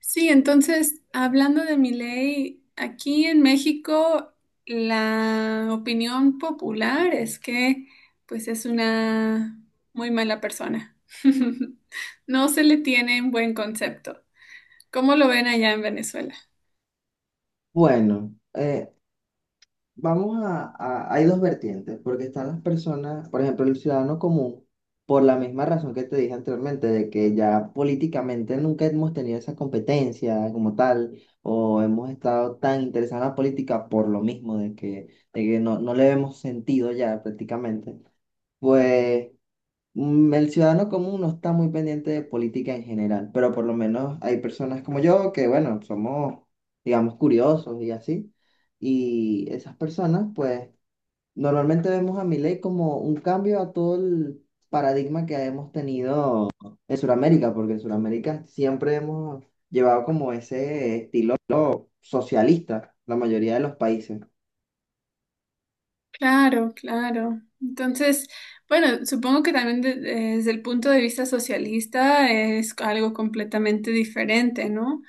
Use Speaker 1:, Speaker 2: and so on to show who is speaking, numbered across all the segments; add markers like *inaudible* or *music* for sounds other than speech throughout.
Speaker 1: Sí, entonces, hablando de mi ley, aquí en México la opinión popular es que pues es una muy mala persona. *laughs* No se le tiene un buen concepto. ¿Cómo lo ven allá en Venezuela?
Speaker 2: Bueno, vamos a hay dos vertientes, porque están las personas, por ejemplo, el ciudadano común, por la misma razón que te dije anteriormente, de que ya políticamente nunca hemos tenido esa competencia como tal, o hemos estado tan interesados en la política por lo mismo, de que no le vemos sentido ya prácticamente. Pues el ciudadano común no está muy pendiente de política en general, pero por lo menos hay personas como yo que, bueno, somos, digamos, curiosos y así. Y esas personas, pues, normalmente vemos a Milei como un cambio a todo el paradigma que hemos tenido en Sudamérica, porque en Sudamérica siempre hemos llevado como ese estilo socialista, la mayoría de los países.
Speaker 1: Claro, claro. Entonces, bueno, supongo que también desde el punto de vista socialista es algo completamente diferente, ¿no?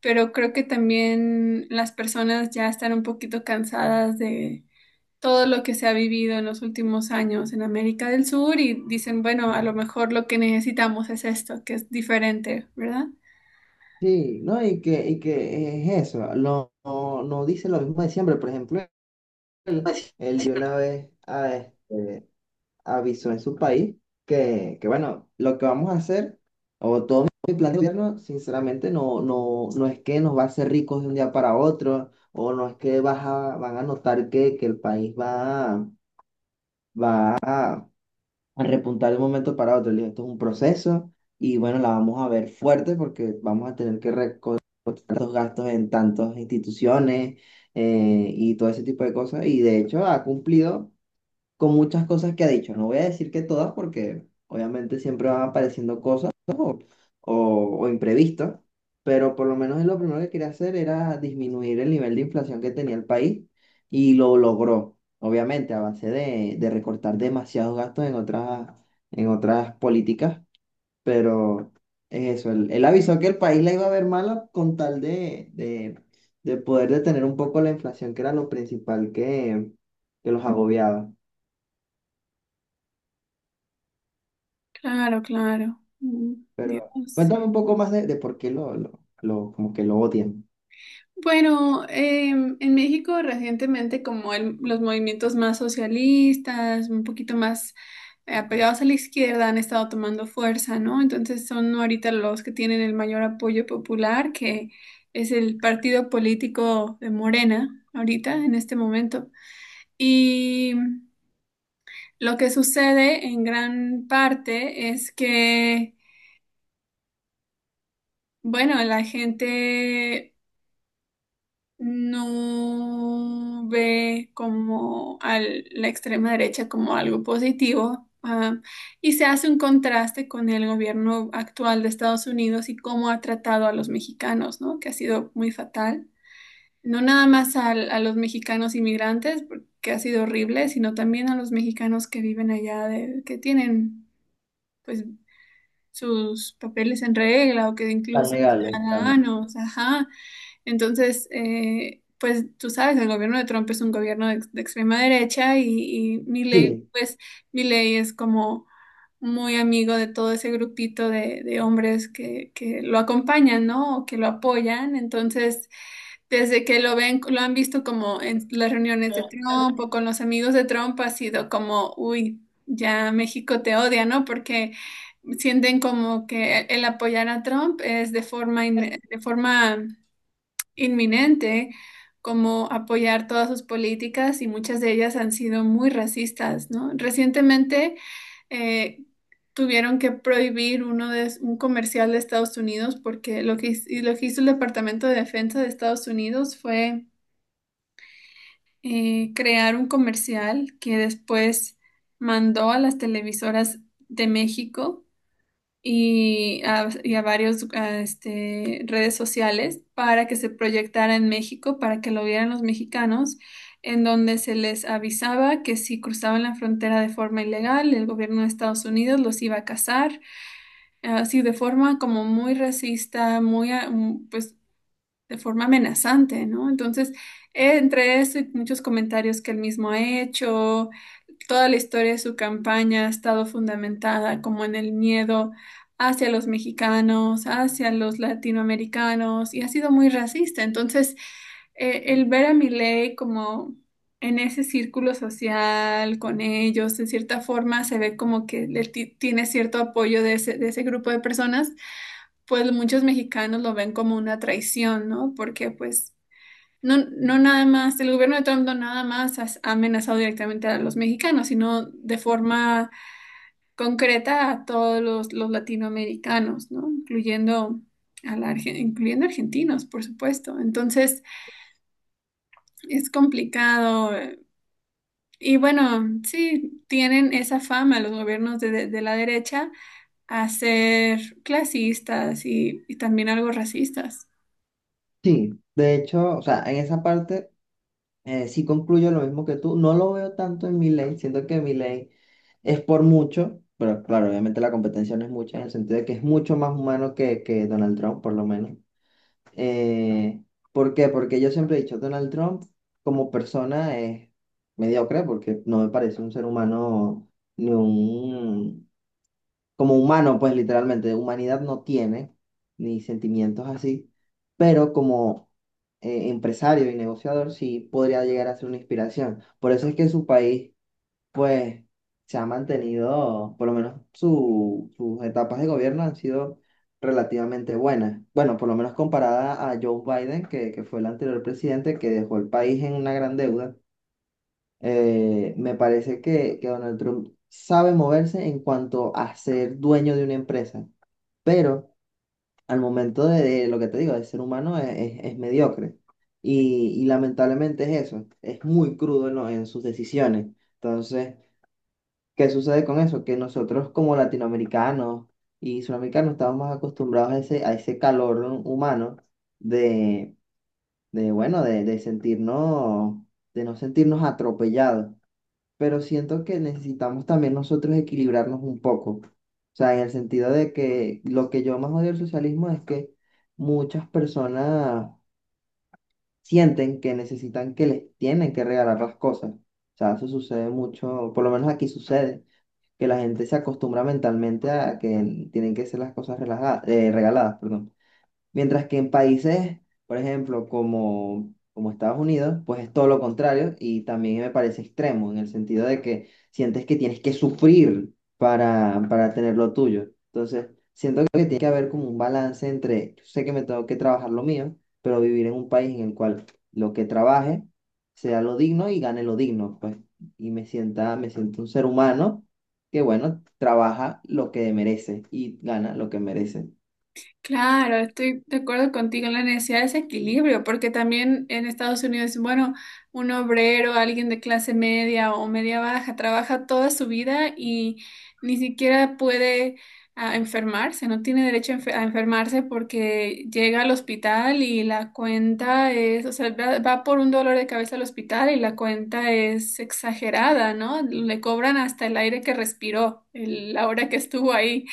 Speaker 1: Pero creo que también las personas ya están un poquito cansadas de todo lo que se ha vivido en los últimos años en América del Sur y dicen, bueno, a lo mejor lo que necesitamos es esto, que es diferente, ¿verdad?
Speaker 2: Sí, ¿no? Y que es eso, no dice lo mismo de siempre, por ejemplo. Él de una vez a este, avisó en su país que, bueno, lo que vamos a hacer, o todo mi plan de gobierno, sinceramente, no es que nos va a hacer ricos de un día para otro, o no es que van a notar que el país va a- a repuntar de un momento para otro. Le digo, esto es un proceso y, bueno, la vamos a ver fuerte porque vamos a tener que recortar los gastos en tantas instituciones y todo ese tipo de cosas. Y de hecho ha cumplido con muchas cosas que ha dicho. No voy a decir que todas porque obviamente siempre van apareciendo cosas o, o, o imprevistos, pero por lo menos él lo primero que quería hacer era disminuir el nivel de inflación que tenía el país y lo logró, obviamente a base de recortar demasiados gastos en otras políticas, pero es eso, él avisó que el país la iba a ver mala con tal de poder detener un poco la inflación, que era lo principal que los agobiaba.
Speaker 1: Claro, claro. Mm,
Speaker 2: Pero
Speaker 1: Dios.
Speaker 2: cuéntame un poco más de por qué como que lo odian.
Speaker 1: Bueno, en México recientemente como los movimientos más socialistas, un poquito más apegados a la izquierda han estado tomando fuerza, ¿no? Entonces son ahorita los que tienen el mayor apoyo popular, que es el partido político de Morena, ahorita, en este momento. Y lo que sucede en gran parte es que, bueno, la gente no ve como a la extrema derecha como algo positivo, ah, y se hace un contraste con el gobierno actual de Estados Unidos y cómo ha tratado a los mexicanos, ¿no? Que ha sido muy fatal. No nada más a los mexicanos inmigrantes, porque ha sido horrible, sino también a los mexicanos que viven allá, que tienen, pues, sus papeles en regla o que
Speaker 2: Tan
Speaker 1: incluso son
Speaker 2: legales, claro.
Speaker 1: ciudadanos, ajá. Entonces, pues tú sabes, el gobierno de Trump es un gobierno de extrema derecha y Milei,
Speaker 2: Sí,
Speaker 1: pues Milei es como muy amigo de todo ese grupito de hombres que lo acompañan, ¿no? O que lo apoyan. Entonces, desde que lo ven, lo han visto como en las reuniones de Trump o con los amigos de Trump, ha sido como, uy, ya México te odia, ¿no? Porque sienten como que el apoyar a Trump es de forma inminente, como apoyar todas sus políticas y muchas de ellas han sido muy racistas, ¿no? Recientemente eh, tuvieron que prohibir un comercial de Estados Unidos porque lo que hizo el Departamento de Defensa de Estados Unidos fue crear un comercial que después mandó a las televisoras de México y a varios redes sociales para que se proyectara en México, para que lo vieran los mexicanos, en donde se les avisaba que si cruzaban la frontera de forma ilegal, el gobierno de Estados Unidos los iba a cazar, así de forma como muy racista, pues, de forma amenazante, ¿no? Entonces, entre eso y muchos comentarios que él mismo ha hecho, toda la historia de su campaña ha estado fundamentada como en el miedo hacia los mexicanos, hacia los latinoamericanos y ha sido muy racista. Entonces, el ver a Milei como en ese círculo social con ellos, en cierta forma se ve como que tiene cierto apoyo de ese grupo de personas, pues muchos mexicanos lo ven como una traición, ¿no? Porque pues no, no nada más, el gobierno de Trump no nada más ha amenazado directamente a los mexicanos, sino de forma concreta a todos los latinoamericanos, ¿no? Incluyendo incluyendo argentinos, por supuesto. Entonces, es complicado. Y bueno, sí, tienen esa fama los gobiernos de la derecha a ser clasistas y también algo racistas.
Speaker 2: sí, de hecho, o sea, en esa parte sí concluyo lo mismo que tú. No lo veo tanto en mi ley, siento que mi ley es por mucho, pero claro, obviamente la competencia no es mucha, en el sentido de que es mucho más humano que Donald Trump, por lo menos. Eh, ¿Por qué? Porque yo siempre he dicho, Donald Trump como persona es mediocre, porque no me parece un ser humano ni un como humano, pues literalmente, humanidad no tiene, ni sentimientos así, pero como empresario y negociador sí podría llegar a ser una inspiración. Por eso es que su país, pues, se ha mantenido, por lo menos sus etapas de gobierno han sido relativamente buenas. Bueno, por lo menos comparada a Joe Biden, que fue el anterior presidente que dejó el país en una gran deuda. Me parece que Donald Trump sabe moverse en cuanto a ser dueño de una empresa, pero al momento de lo que te digo, de ser humano es, es mediocre. Y lamentablemente es eso, es muy crudo en, en sus decisiones. Entonces, ¿qué sucede con eso? Que nosotros como latinoamericanos y sudamericanos estamos más acostumbrados a ese calor humano de, de bueno, de sentirnos, de no sentirnos atropellados, pero siento que necesitamos también nosotros equilibrarnos un poco. O sea, en el sentido de que lo que yo más odio del socialismo es que muchas personas sienten que necesitan que les tienen que regalar las cosas. O sea, eso sucede mucho, por lo menos aquí sucede, que la gente se acostumbra mentalmente a que tienen que ser las cosas regaladas, perdón. Mientras que en países, por ejemplo, como, como Estados Unidos, pues es todo lo contrario y también me parece extremo en el sentido de que sientes que tienes que sufrir para tener lo tuyo. Entonces, siento que tiene que haber como un balance entre, yo sé que me tengo que trabajar lo mío, pero vivir en un país en el cual lo que trabaje sea lo digno y gane lo digno, pues, y me sienta, me siento un ser humano que, bueno, trabaja lo que merece y gana lo que merece.
Speaker 1: Claro, estoy de acuerdo contigo en la necesidad de ese equilibrio, porque también en Estados Unidos, bueno, un obrero, alguien de clase media o media baja, trabaja toda su vida y ni siquiera puede ah, enfermarse, no tiene derecho a enfermarse porque llega al hospital y la cuenta es, o sea, va por un dolor de cabeza al hospital y la cuenta es exagerada, ¿no? Le cobran hasta el aire que respiró, la hora que estuvo ahí.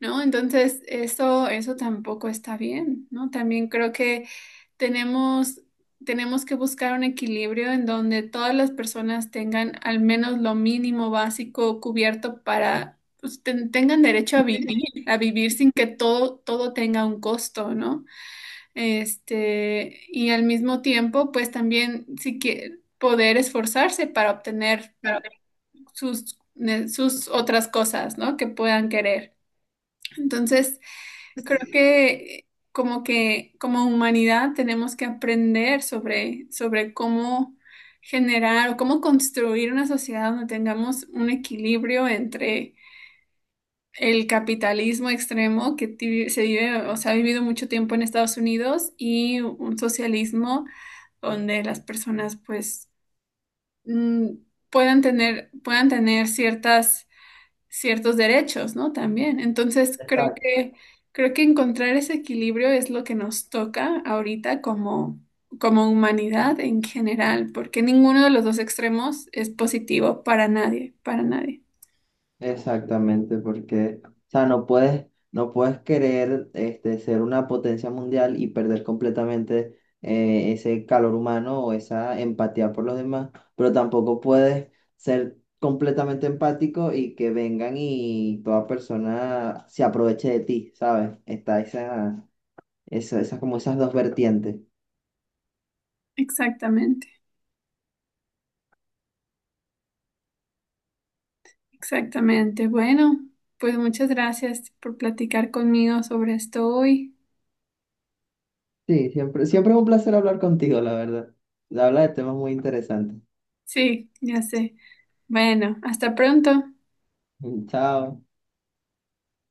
Speaker 1: ¿No? Entonces, eso tampoco está bien, ¿no? También creo que tenemos, tenemos que buscar un equilibrio en donde todas las personas tengan al menos lo mínimo básico cubierto para, pues, tengan derecho a vivir sin que todo, todo tenga un costo, ¿no? Este, y al mismo tiempo, pues también si que poder esforzarse para obtener sus otras cosas, ¿no? Que puedan querer. Entonces, creo que como humanidad tenemos que aprender sobre, sobre cómo generar o cómo construir una sociedad donde tengamos un equilibrio entre el capitalismo extremo que se vive o se ha vivido mucho tiempo en Estados Unidos y un socialismo donde las personas pues mm, puedan tener ciertas ciertos derechos, ¿no? También. Entonces, creo que encontrar ese equilibrio es lo que nos toca ahorita como, como humanidad en general, porque ninguno de los dos extremos es positivo para nadie, para nadie.
Speaker 2: Exactamente, porque, o sea, no puedes querer este, ser una potencia mundial y perder completamente ese calor humano o esa empatía por los demás, pero tampoco puedes ser completamente empático y que vengan y toda persona se aproveche de ti, ¿sabes? Está esa, esa como esas dos vertientes.
Speaker 1: Exactamente. Exactamente. Bueno, pues muchas gracias por platicar conmigo sobre esto hoy.
Speaker 2: Sí, siempre, siempre es un placer hablar contigo, la verdad. Habla de temas muy interesantes.
Speaker 1: Sí, ya sé. Bueno, hasta pronto.
Speaker 2: *laughs* Chao.